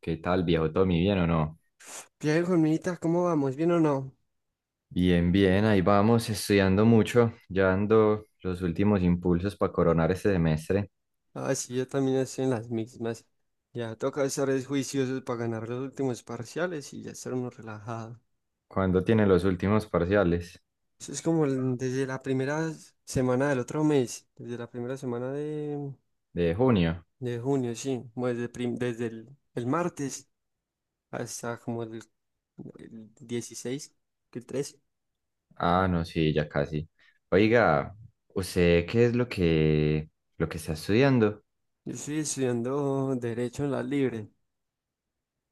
¿Qué tal, viejo Tommy? ¿Bien o no? Diego, hermanita, ¿cómo vamos? ¿Bien o no? Bien, bien, ahí vamos, estudiando mucho, ya dando los últimos impulsos para coronar este semestre. Ah, sí, yo también estoy en las mismas. Ya toca estar es juiciosos para ganar los últimos parciales y ya estar uno relajado. ¿Cuándo tiene los últimos parciales? Eso es como desde la primera semana del otro mes, desde la primera semana ¿De junio? de junio, sí, como desde, desde el martes hasta como el 16 que el 13. Ah, no, sí, ya casi. Oiga, ¿usted qué es lo que está estudiando? Yo estoy estudiando Derecho en la Libre,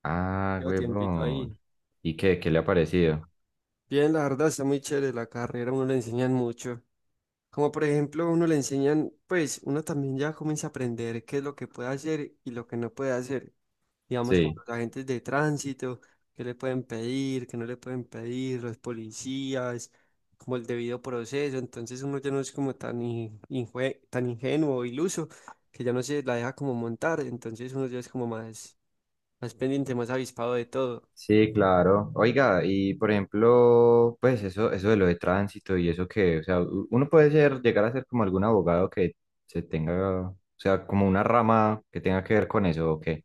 Ah, llevo tiempito ahí. huevón. ¿Y qué le ha parecido? Bien, la verdad está muy chévere la carrera, a uno le enseñan mucho. Como por ejemplo, uno le enseñan, pues uno también ya comienza a aprender qué es lo que puede hacer y lo que no puede hacer. Digamos, como Sí. los agentes de tránsito, qué le pueden pedir, qué no le pueden pedir, los policías, como el debido proceso. Entonces uno ya no es como tan, tan ingenuo o iluso que ya no se la deja como montar. Entonces uno ya es como más, más pendiente, más avispado de todo. Sí, claro. Oiga, y por ejemplo, pues eso de lo de tránsito y eso que, o sea, uno puede ser, llegar a ser como algún abogado que se tenga, o sea, como una rama que tenga que ver con eso o qué,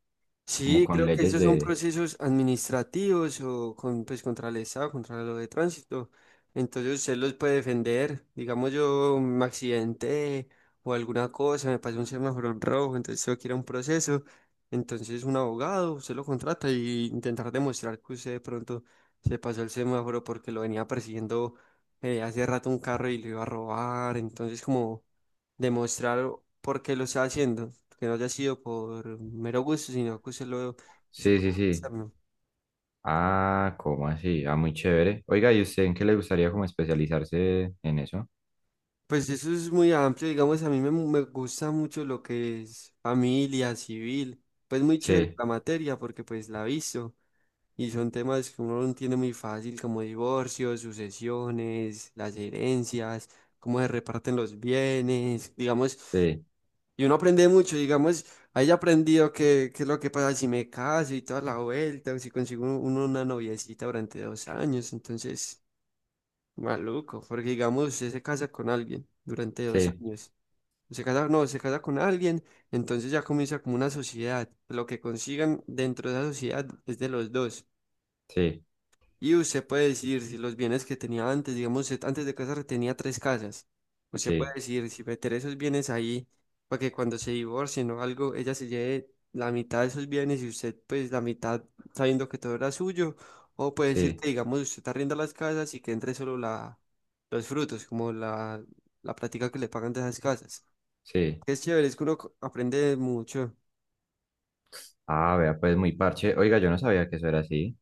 como Sí, con creo que leyes esos son de... procesos administrativos o con, pues, contra el Estado, contra lo de tránsito. Entonces usted los puede defender. Digamos, yo me accidenté o alguna cosa, me pasó un semáforo en rojo, entonces tengo que ir a un proceso. Entonces un abogado, usted lo contrata y intentar demostrar que usted de pronto se pasó el semáforo porque lo venía persiguiendo hace rato un carro y lo iba a robar. Entonces como demostrar por qué lo está haciendo, que no haya sido por mero gusto, sino que usted lo hizo Sí, por sí, sí. gustarme. Ah, ¿cómo así? Ah, muy chévere. Oiga, ¿y usted en qué le gustaría como especializarse en eso? Pues eso es muy amplio, digamos, a mí me gusta mucho lo que es familia, civil, pues muy chévere Sí, la materia porque pues la he visto y son temas que uno no entiende muy fácil como divorcios, sucesiones, las herencias, cómo se reparten los bienes, digamos, sí, y uno aprende mucho, digamos, ahí haya aprendido qué, qué es lo que pasa si me caso y toda la vuelta, o si consigo una noviecita durante dos años, entonces... Maluco, porque digamos, usted se casa con alguien durante dos sí, años. Se casa, no, se casa con alguien, entonces ya comienza como una sociedad. Lo que consigan dentro de esa sociedad es de los dos. sí, Y usted puede decir si los bienes que tenía antes, digamos, usted antes de casarse tenía tres casas. Usted puede sí, decir si meter esos bienes ahí para que cuando se divorcien o algo, ella se lleve la mitad de esos bienes y usted pues la mitad, sabiendo que todo era suyo. O puede decir sí, que, digamos, usted arrienda las casas y que entre solo la, los frutos, como la plática que le pagan de esas casas. sí. Es chévere, es que aprende mucho. Ah, vea, pues muy parche. Oiga, yo no sabía que eso era así.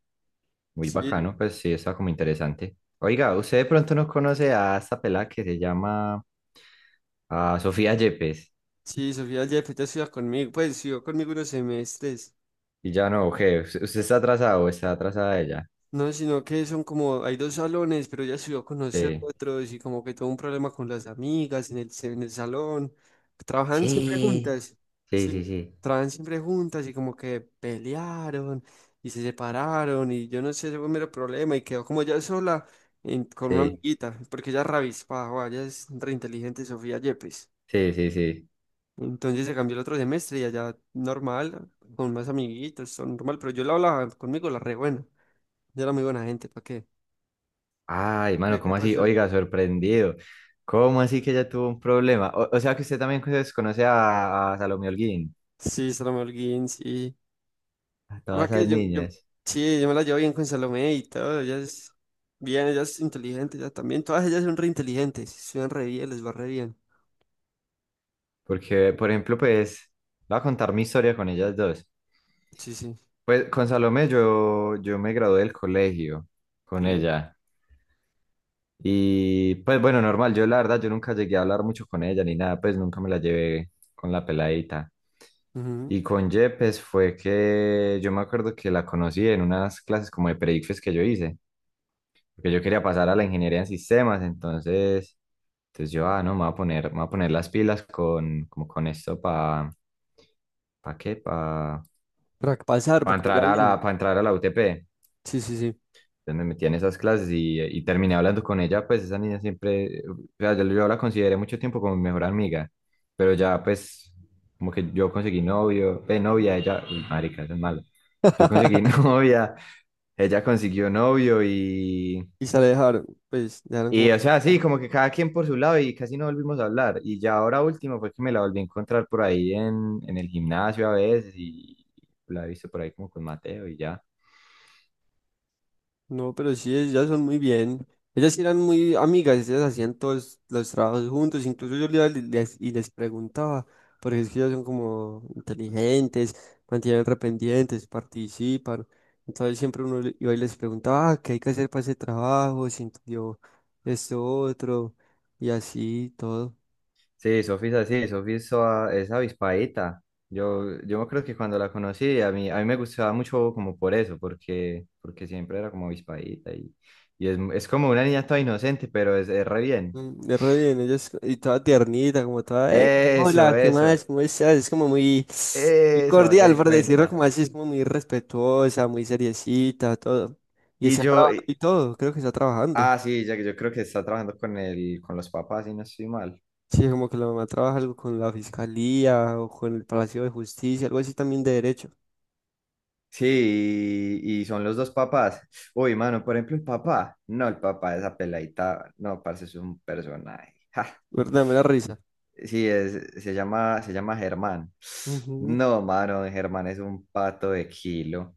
Muy Sí, bacano, pues sí, está como interesante. Oiga, usted de pronto no conoce a esta pelada que se llama a Sofía Yepes. sí, Sofía Jeff, ella estudia conmigo, pues estudió conmigo unos semestres. Y ya no, ¿qué? ¿Usted está atrasado? ¿O está atrasada ella? No, sino que son como, hay dos salones, pero ella subió a conocer Sí. otros y como que tuvo un problema con las amigas en el, en el salón. Trabajan siempre Sí. juntas, Sí, sí, sí, sí, trabajan siempre juntas y como que pelearon y se separaron y yo no sé, ese fue un mero problema y quedó como ella sola con una sí, amiguita, porque ella es rabiespaja, ella es re inteligente Sofía Yepes. sí, sí, sí. Entonces se cambió el otro semestre y allá normal, con más amiguitos, son normal, pero yo la hablaba conmigo, la re buena, yo era muy buena gente, ¿para qué? Ay, mano, ¿Qué, qué ¿cómo así? pasó? Oiga, sorprendido. ¿Cómo así que ella tuvo un problema? O sea que usted también conoce a Salomé Holguín, Sí, Salomé Holguín, sí. a Va todas esas que yo, niñas. sí, yo me la llevo bien con Salomé y todo. Ella es bien, ella es inteligente, ella también. Todas ellas son re inteligentes, estudian re bien, les va re bien. Porque, por ejemplo, pues, voy a contar mi historia con ellas dos. Sí, sí, Pues con Salomé yo me gradué del colegio con sí. ella. Y pues bueno, normal, yo la verdad, yo nunca llegué a hablar mucho con ella ni nada, pues nunca me la llevé con la peladita. Ujú. Y con Yepes fue que yo me acuerdo que la conocí en unas clases como de predifes que yo hice, porque yo quería pasar a la ingeniería en sistemas, entonces yo, ah, no, me voy a poner las pilas con, como con esto ¿para qué? Para Para que pasar, para que vaya entrar a la, bien. para entrar a la UTP. Sí, sí, sí. Entonces me metí en esas clases y terminé hablando con ella, pues esa niña siempre, o sea, yo la consideré mucho tiempo como mi mejor amiga, pero ya pues como que yo conseguí novio, novia, ella, uy, marica, eso es malo, yo conseguí novia, ella consiguió novio Y se la dejaron, pues, dejaron y como. o sea, sí, como que cada quien por su lado y casi no volvimos a hablar. Y ya ahora último fue que me la volví a encontrar por ahí en el gimnasio a veces y la he visto por ahí como con Mateo y ya. No, pero sí, ellas son muy bien. Ellas sí eran muy amigas, ellas hacían todos los trabajos juntos. Incluso yo les, y les preguntaba, porque es que ellas son como inteligentes, mantienen rependientes, participan. Entonces siempre iba y les preguntaba, ah, ¿qué hay que hacer para ese trabajo? Si entendió esto otro, y así todo. Sí, Sofía es es avispadita. Yo me creo que cuando la conocí, a mí me gustaba mucho como por eso, porque siempre era como avispadita y es como una niña toda inocente, pero es re bien. Mm, es re bien, y toda tiernita, como toda, "Hey, Eso, hola, ¿qué eso, más? ¿Cómo estás?" Es como muy, muy eso, haga cordial, de por decirlo cuenta. como así, es como muy respetuosa, muy seriecita, todo. Y Y está trabajando y todo, creo que está trabajando. ah, sí, ya que yo creo que está trabajando con con los papás y no estoy mal. Sí, como que la mamá trabaja algo con la fiscalía o con el Palacio de Justicia, algo así también de derecho. Sí, y son los dos papás. Uy, mano, por ejemplo, el papá. No, el papá, de esa peladita, no, parece es un personaje. ¿Verdad? Me da risa. Sí, se llama Germán. Ujú. No, mano, Germán es un pato de kilo.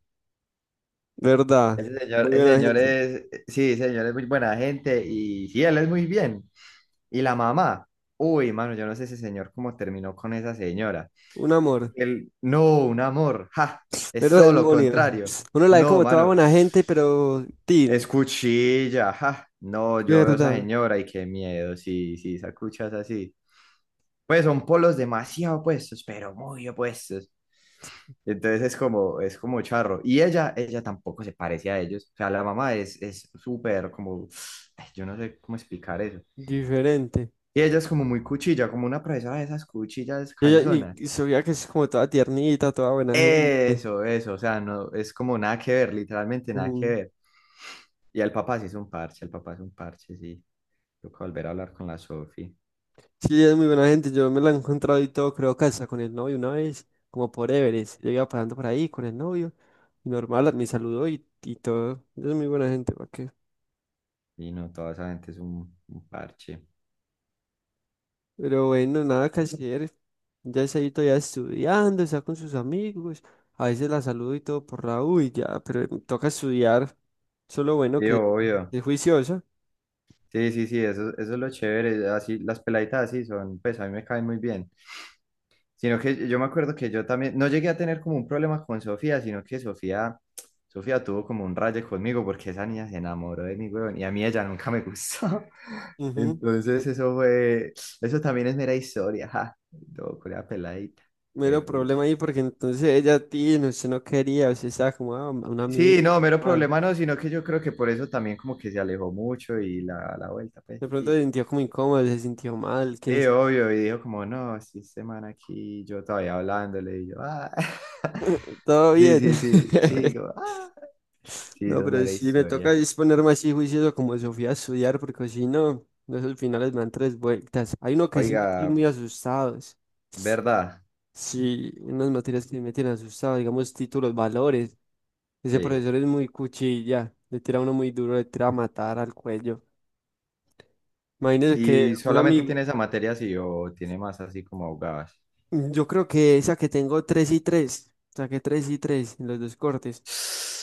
¿Verdad? Muy Ese buena señor gente. es, sí, ese señor es muy buena gente y sí, él es muy bien. Y la mamá, uy, mano, yo no sé ese señor cómo terminó con esa señora. Un amor. Él, no, un amor, ja, es Pero solo demonio. contrario. Uno la ve No, como toda mano, buena gente, pero... es tin. cuchilla, ja. No, yo veo a esa ¿Verdad? señora y qué miedo, sí, sí, esa cucha así. Pues son polos demasiado opuestos, pero muy opuestos. Entonces es como charro. Y ella tampoco se parece a ellos. O sea, la mamá es súper como, ay, yo no sé cómo explicar eso. Diferente. Y ella es como muy cuchilla, como una profesora de esas cuchillas Y, canzonas. y se veía que es como toda tiernita, toda buena gente. Eso, o sea, no, es como nada que ver, literalmente nada que Ujú. ver. Y el papá sí es un parche, el papá es un parche, sí. Toca volver a hablar con la Sofi. Sí, ella es muy buena gente. Yo me la he encontrado y todo, creo que hasta con el novio una vez, como por Everest. Yo iba pasando por ahí con el novio y normal, me saludó y todo. Ella es muy buena gente, ¿para qué? Y no, toda esa gente es un parche. Pero bueno, nada que hacer. Ya está ahí todavía estudiando, está con sus amigos. A veces la saludo y todo por la U y ya, pero toca estudiar. Solo bueno Sí, que obvio. es juiciosa. Sí, sí, sí, eso es lo chévere. Así, las peladitas así son, pues a mí me caen muy bien. Sino que yo me acuerdo que yo también, no llegué a tener como un problema con Sofía, sino que Sofía tuvo como un rayo conmigo porque esa niña se enamoró de mí, weón, y a mí ella nunca me gustó. Entonces eso fue, eso también es mera historia, ja. Todo con la peladita, fue Mero pucha. problema ahí porque entonces ella a ti, no, usted no quería, usted estaba como ah, un amigo, Sí, no, mero mal. problema no, sino que yo creo que por eso también como que se alejó mucho y la vuelta, pues, De y pronto se pilla. sintió como incómodo, se sintió mal, quién Sí, sabe. obvio, y dijo como, no, sí, semana aquí, yo todavía hablándole, y yo, ah. Todo Sí, bien. sí, sí, sí, como, ah. Sí, No, esa es pero mera sí me toca historia. disponerme así juicioso como Sofía a estudiar, porque si no, no, esos finales me dan tres vueltas. Hay uno que sí me tiene Oiga, muy asustados. ¿verdad? Sí, unas materias que sí me tienen asustado, digamos títulos, valores. Ese Sí. profesor es muy cuchilla, le tira a uno muy duro, le tira a matar al cuello. Imagínese que ¿Y un solamente amigo, tiene esa materia así o tiene más así como abogadas? mm, yo creo que esa que tengo 3 y 3. Saqué 3 y 3 en los dos cortes.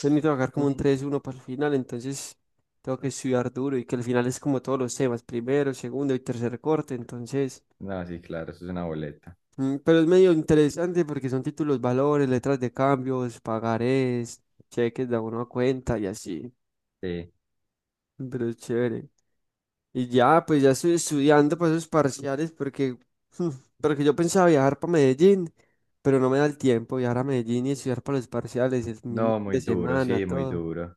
Entonces necesito sacar como un Mm. tres uno para el final. Entonces tengo que estudiar duro y que al final es como todos los temas, primero, segundo y tercer corte. Entonces, No, sí, claro, eso es una boleta. Pero es medio interesante porque son títulos, valores, letras de cambios, pagarés, cheques de abono a cuenta y así. Sí. Pero es chévere. Y ya, pues ya estoy estudiando para esos parciales porque, mm, porque yo pensaba viajar para Medellín, pero no me da el tiempo viajar a Medellín y estudiar para los parciales el mismo No, fin muy de duro, semana, sí, muy todo. duro.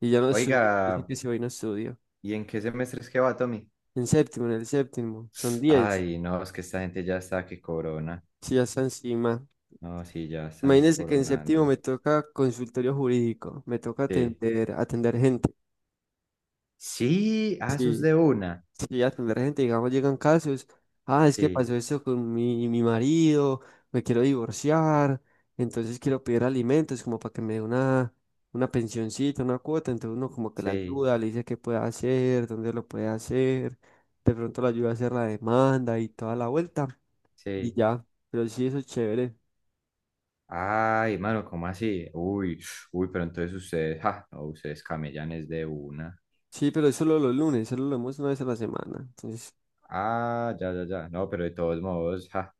Y ya no estudio, yo sé Oiga, que si hoy no estudio. ¿y en qué semestre es que va, Tommy? En séptimo, en el séptimo, son 10 Ay, no, es que esta gente ya está que corona. si ya está encima. No, sí, ya están Imagínense que en séptimo escoronando. me toca consultorio jurídico, me toca Sí. atender, atender gente. Sí, ah, eso es Sí, de una. y a atender gente, digamos, llegan casos, ah, es que Sí, pasó esto con mi, mi marido, me quiero divorciar, entonces quiero pedir alimentos como para que me dé una pensioncita, una cuota, entonces uno como que la sí, ayuda, le dice qué puede hacer, dónde lo puede hacer, de pronto lo ayuda a hacer la demanda y toda la vuelta, y sí. ya, pero sí, eso es chévere. Ay, mano, ¿cómo así? Uy, uy, pero entonces ustedes, ja, no, ustedes camellanes de una. Sí, pero es solo los lunes, solo lo vemos una vez a la semana, entonces... Ah, ya, ya, ya. No, pero de todos modos, ja.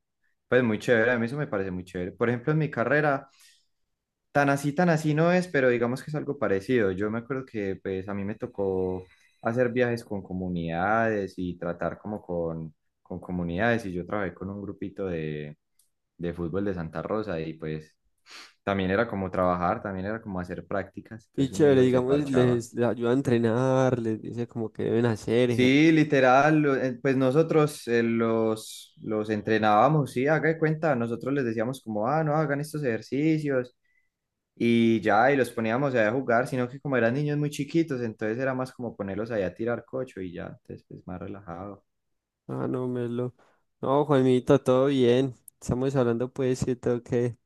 Pues muy chévere, a mí eso me parece muy chévere. Por ejemplo, en mi carrera, tan así no es, pero digamos que es algo parecido. Yo me acuerdo que, pues, a mí me tocó hacer viajes con comunidades y tratar como con comunidades. Y yo trabajé con un grupito de fútbol de Santa Rosa y, pues, también era como trabajar, también era como hacer prácticas, Y entonces uno chévere, iba y se digamos, parchaba. les ayuda a entrenar, les dice como que deben hacer. Sí, literal, pues nosotros los entrenábamos, sí, haga de cuenta, nosotros les decíamos como, ah, no, hagan estos ejercicios y ya, y los poníamos ahí a jugar, sino que como eran niños muy chiquitos, entonces era más como ponerlos ahí a tirar cocho y ya, entonces pues más relajado. Ah, no, melo. No, Juanmito, todo bien. Estamos hablando pues, sí, tengo que...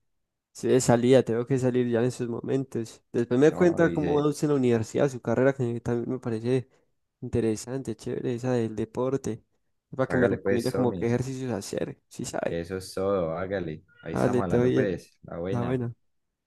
Sí, de salida, tengo que salir ya en esos momentos. Después me No, y cuenta cómo va dice, usted en la universidad, su carrera, que también me parece interesante, chévere, esa del deporte. Para que me hágale pues, recomiende como qué Tommy, ejercicios hacer, sí sabe. eso es todo, hágale, ahí Dale, estamos todo hablando bien. pues, la Está buena. bueno.